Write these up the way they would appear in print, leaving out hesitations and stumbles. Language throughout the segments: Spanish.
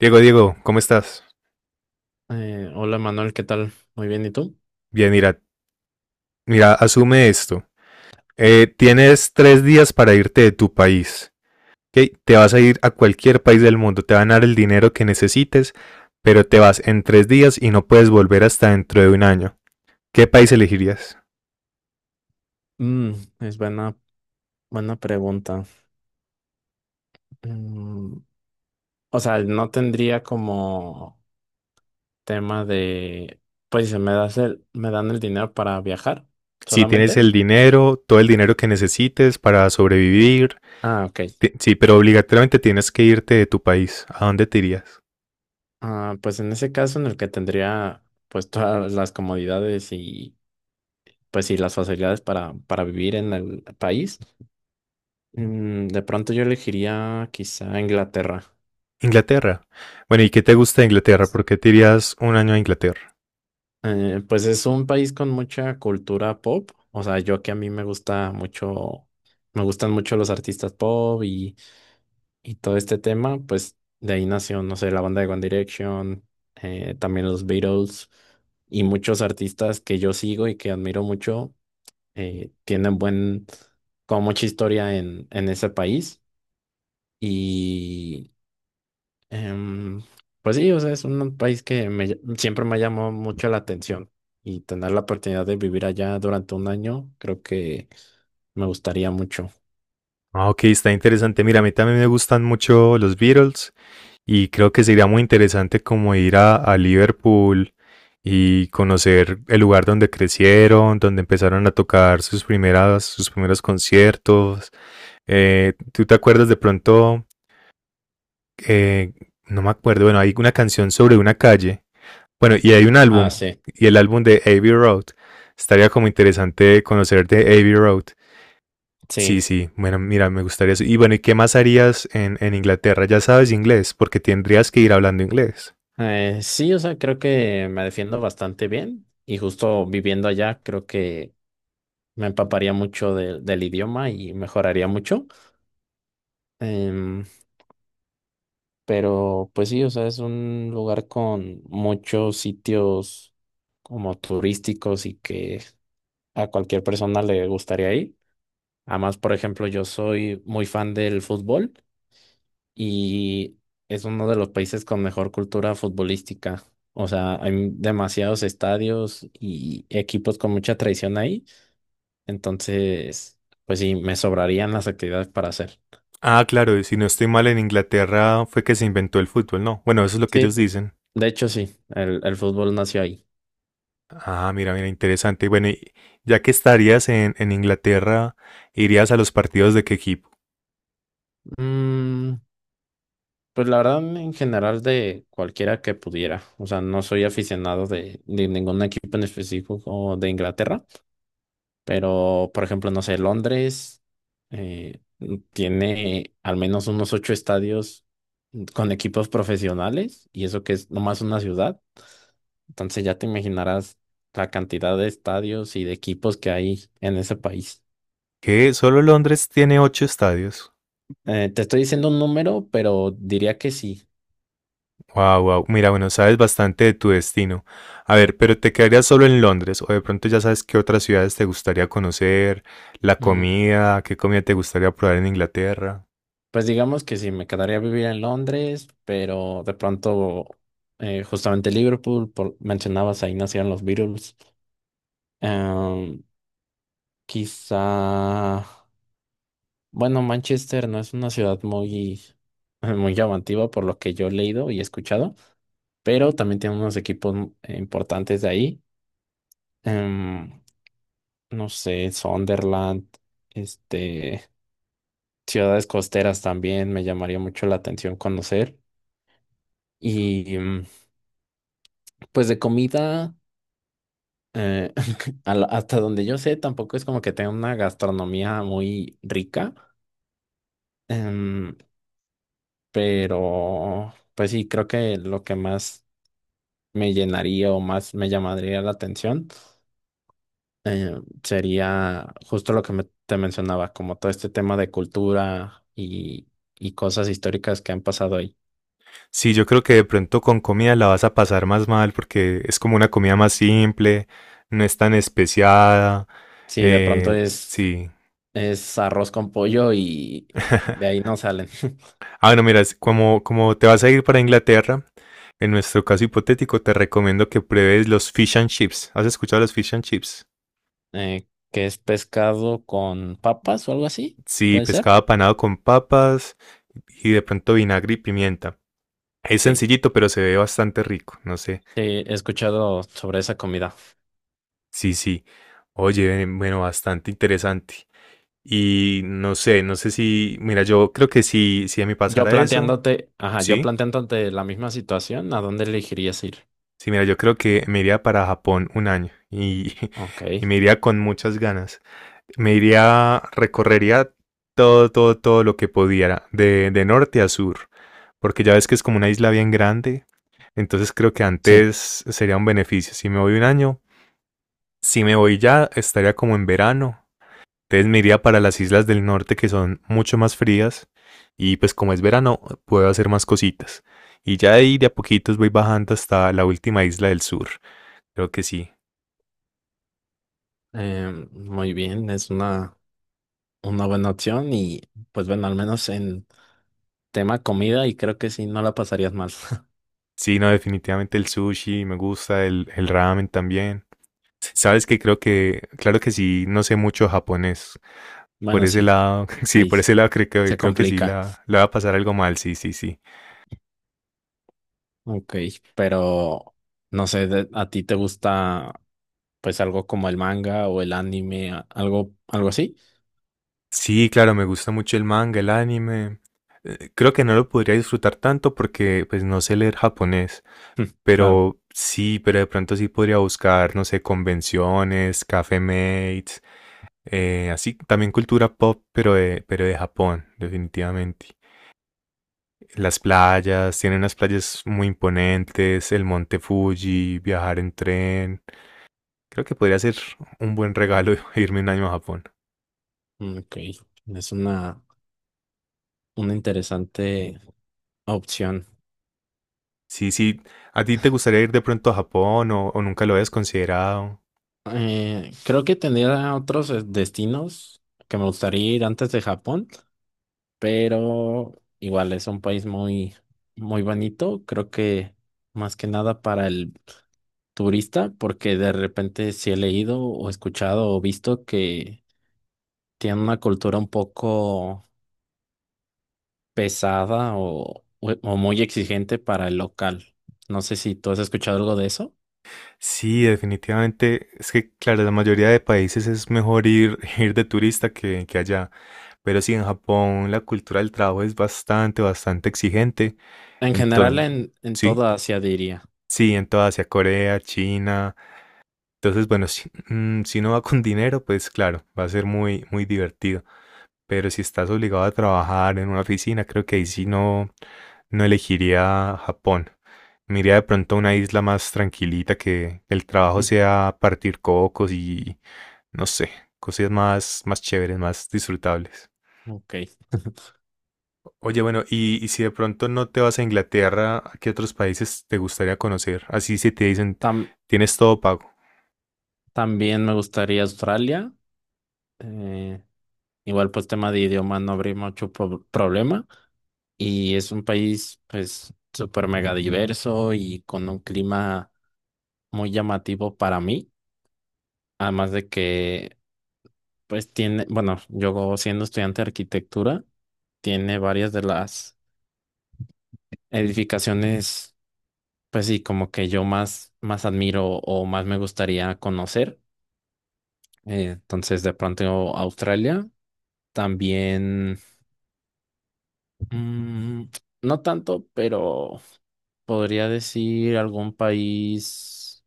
Diego, Diego, ¿cómo estás? Hola Manuel, ¿qué tal? Muy bien, ¿y tú? Bien, mira, mira, asume esto. Tienes 3 días para irte de tu país. ¿Ok? Te vas a ir a cualquier país del mundo, te van a dar el dinero que necesites, pero te vas en 3 días y no puedes volver hasta dentro de un año. ¿Qué país elegirías? Mm, es buena pregunta. Mm, o sea, no tendría como tema de, pues si me me dan el dinero para viajar Si tienes solamente. el dinero, todo el dinero que necesites para sobrevivir, Ah, ok. Sí, pero obligatoriamente tienes que irte de tu país. ¿A dónde te irías? Ah, pues en ese caso en el que tendría pues todas las comodidades y pues y las facilidades para vivir en el país, de pronto yo elegiría quizá Inglaterra. Inglaterra. Bueno, ¿y qué te gusta de Inglaterra? ¿Por qué te irías un año a Inglaterra? Pues es un país con mucha cultura pop. O sea, yo que a mí me gusta mucho, me gustan mucho los artistas y todo este tema, pues de ahí nació, no sé, la banda de One Direction, también los Beatles y muchos artistas que yo sigo y que admiro mucho, eh, tienen buen, como mucha historia en ese país. Em, pues sí, o sea, es un país que siempre me ha llamado mucho la atención y tener la oportunidad de vivir allá durante un año, creo que me gustaría mucho. Ah, ok, está interesante. Mira, a mí también me gustan mucho los Beatles y creo que sería muy interesante como ir a Liverpool y conocer el lugar donde crecieron, donde empezaron a tocar sus primeras, sus primeros conciertos. ¿Tú te acuerdas de pronto? eh, no me acuerdo, bueno, hay una canción sobre una calle. Bueno, y hay un álbum, Ah, sí, y el álbum de Abbey Road. Estaría como interesante conocer de Abbey Road. sí. Sí, sí, bueno, mira, me gustaría eso. Y bueno, ¿y qué más harías en Inglaterra? Ya sabes inglés, porque tendrías que ir hablando inglés. Sí, o sea, creo que me defiendo bastante bien y justo viviendo allá creo que me empaparía mucho del idioma y mejoraría mucho. Em, pero pues sí, o sea, es un lugar con muchos sitios como turísticos y que a cualquier persona le gustaría ir. Además, por ejemplo, yo soy muy fan del fútbol y es uno de los países con mejor cultura futbolística. O sea, hay demasiados estadios y equipos con mucha tradición ahí. Entonces, pues sí, me sobrarían las actividades para hacer. Ah, claro, y si no estoy mal, en Inglaterra fue que se inventó el fútbol, ¿no? Bueno, eso es lo que ellos Sí, dicen. de hecho sí, el fútbol nació ahí. Ah, mira, mira, interesante. Bueno, y ya que estarías en Inglaterra, ¿irías a los partidos de qué equipo? Mm, pues la verdad, en general de cualquiera que pudiera. O sea, no soy aficionado de ningún equipo en específico de Inglaterra. Pero, por ejemplo, no sé, Londres eh, tiene al menos unos 8 estadios con equipos profesionales y eso que es nomás una ciudad. Entonces ya te imaginarás la cantidad de estadios y de equipos que hay en ese país. Que solo Londres tiene ocho estadios. Te estoy diciendo un número, pero diría que sí. Wow, wow. Mira, bueno, sabes bastante de tu destino. A ver, pero ¿te quedarías solo en Londres o de pronto ya sabes qué otras ciudades te gustaría conocer, la Mm, comida, qué comida te gustaría probar en Inglaterra? Pues digamos que sí, me quedaría a vivir en Londres, pero de pronto, justamente Liverpool, por, mencionabas ahí nacieron los Beatles. Em, Quizá, bueno, Manchester no es una ciudad muy, muy llamativa por lo que yo he leído y escuchado, pero también tiene unos equipos importantes de ahí. Em, no sé, Sunderland, este, ciudades costeras también me llamaría mucho la atención conocer. Y pues de comida, eh, hasta donde yo sé, tampoco es como que tenga una gastronomía muy rica. Em, pero pues sí, creo que lo que más me llenaría o más me llamaría la atención eh, sería justo lo que te mencionaba, como todo este tema de cultura y cosas históricas que han pasado ahí. Sí, yo creo que de pronto con comida la vas a pasar más mal porque es como una comida más simple, no es tan especiada. Sí, eh, sí. es arroz con pollo y de ahí no salen. Ah, bueno, mira, es como te vas a ir para Inglaterra, en nuestro caso hipotético, te recomiendo que pruebes los fish and chips. ¿Has escuchado los fish and chips? ¿Que es pescado con papas o algo así, Sí, puede ser? pescado apanado con papas y de pronto vinagre y pimienta. Es Ok, sí, sencillito, pero se ve bastante rico. No sé. he escuchado sobre esa comida. Sí, sí. Oye, bueno, bastante interesante. Y no sé, no sé si, mira, yo creo que si a mí Yo pasara eso, planteándote, ajá, yo sí. planteándote la misma situación, ¿a dónde elegirías ir? Sí, mira, yo creo que me iría para Japón un año y, Ok, y me iría con muchas ganas. Me iría, recorrería todo, todo, todo lo que pudiera, de norte a sur, porque ya ves que es como una isla bien grande. Entonces creo que sí, antes sería un beneficio. Si me voy un año, si me voy ya, estaría como en verano. Entonces me iría para las islas del norte que son mucho más frías. Y pues como es verano, puedo hacer más cositas. Y ya ahí de a poquitos voy bajando hasta la última isla del sur. Creo que sí. Muy bien, es una buena opción y pues bueno, al menos en tema comida y creo que sí, no la pasarías mal. Sí, no, definitivamente el sushi me gusta, el ramen también. Sabes que creo que, claro que sí, no sé mucho japonés. Por Bueno, ese sí, lado, sí, ahí por s- ese lado creo que, se creo que sí complica. la va a pasar algo mal, sí, sí, sí. Ok, pero no sé, ¿a ti te gusta pues algo como el manga o el anime, algo así? Sí, claro, me gusta mucho el manga, el anime. Creo que no lo podría disfrutar tanto porque pues no sé leer japonés, Claro, pero sí, pero de pronto sí podría buscar, no sé, convenciones, café mates, así también cultura pop, pero de Japón, definitivamente. Las playas, tienen unas playas muy imponentes, el monte Fuji, viajar en tren. Creo que podría ser un buen regalo irme un año a Japón. ok, es una interesante opción. Sí, sí. ¿A ti te gustaría ir de pronto a Japón o nunca lo habías considerado? Creo que tendría otros destinos que me gustaría ir antes de Japón, pero igual es un país muy, muy bonito. Creo que más que nada para el turista, porque de repente si he leído o escuchado o visto que tiene una cultura un poco pesada o, o muy exigente para el local. No sé si tú has escuchado algo de eso. Sí, definitivamente. Es que, claro, la mayoría de países es mejor ir, ir de turista que allá. Pero sí, en Japón la cultura del trabajo es bastante, bastante exigente. En general, Entonces, en sí, toda Asia diría. sí, en, toda Asia, Corea, China. Entonces, bueno, si no va con dinero, pues claro, va a ser muy, muy divertido. Pero si estás obligado a trabajar en una oficina, creo que ahí sí no elegiría Japón. Me iría de pronto a una isla más tranquilita que el trabajo Mm, sea partir cocos y no sé, cosas más, más chéveres, más disfrutables. Ok. Oye, bueno, y si de pronto no te vas a Inglaterra, ¿a qué otros países te gustaría conocer? Así si te dicen, Tam- tienes todo pago. También me gustaría Australia. eh, Igual pues tema de idioma no habría mucho problema. Y es un país pues súper mega diverso y con un clima muy llamativo para mí. Además de que pues tiene, bueno, yo siendo estudiante de arquitectura, tiene varias de las edificaciones pues sí, como que yo más, más admiro o más me gustaría conocer. Entonces de pronto Australia. También. Mm, no tanto, pero podría decir algún país.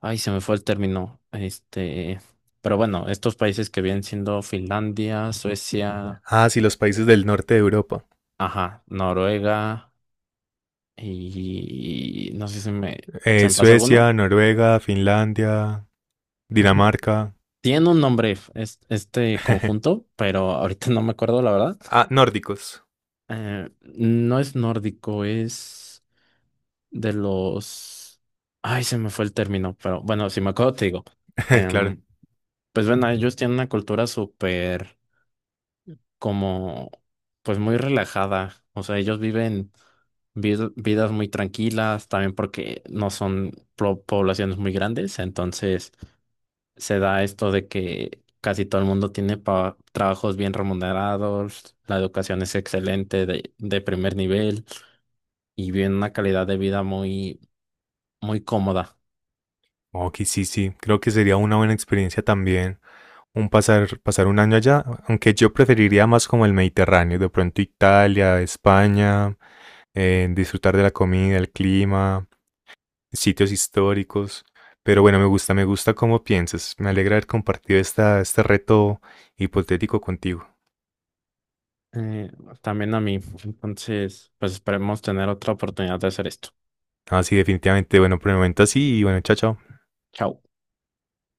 Ay, se me fue el término. Este, pero bueno, estos países que vienen siendo Finlandia, Suecia, Ah, sí, los países del norte de Europa. ajá, Noruega y no sé si me se me pasa alguno. Suecia, Noruega, Finlandia, Ujú. Dinamarca. Tiene un nombre este conjunto, pero ahorita no me acuerdo la verdad. Ah, nórdicos. Eh, no es nórdico, es de los... Ay, se me fue el término, pero bueno, si me acuerdo te digo. Claro. Em, pues bueno, ellos tienen una cultura súper como, pues muy relajada. O sea, ellos viven vidas muy tranquilas, también porque no son poblaciones muy grandes, entonces se da esto de que casi todo el mundo tiene trabajos bien remunerados, la educación es excelente, de primer nivel, y viven una calidad de vida muy, muy cómoda. Ok, sí, sí. Creo que sería una buena experiencia también un pasar un año allá, aunque yo preferiría más como el Mediterráneo, de pronto Italia, España, disfrutar de la comida, el clima, sitios históricos. Pero bueno, me gusta cómo piensas. Me alegra haber compartido este reto hipotético contigo. Eh, También a mí. Entonces, pues esperemos tener otra oportunidad de hacer esto. Así definitivamente. Bueno, por el momento así y bueno, chao, chao. Chao.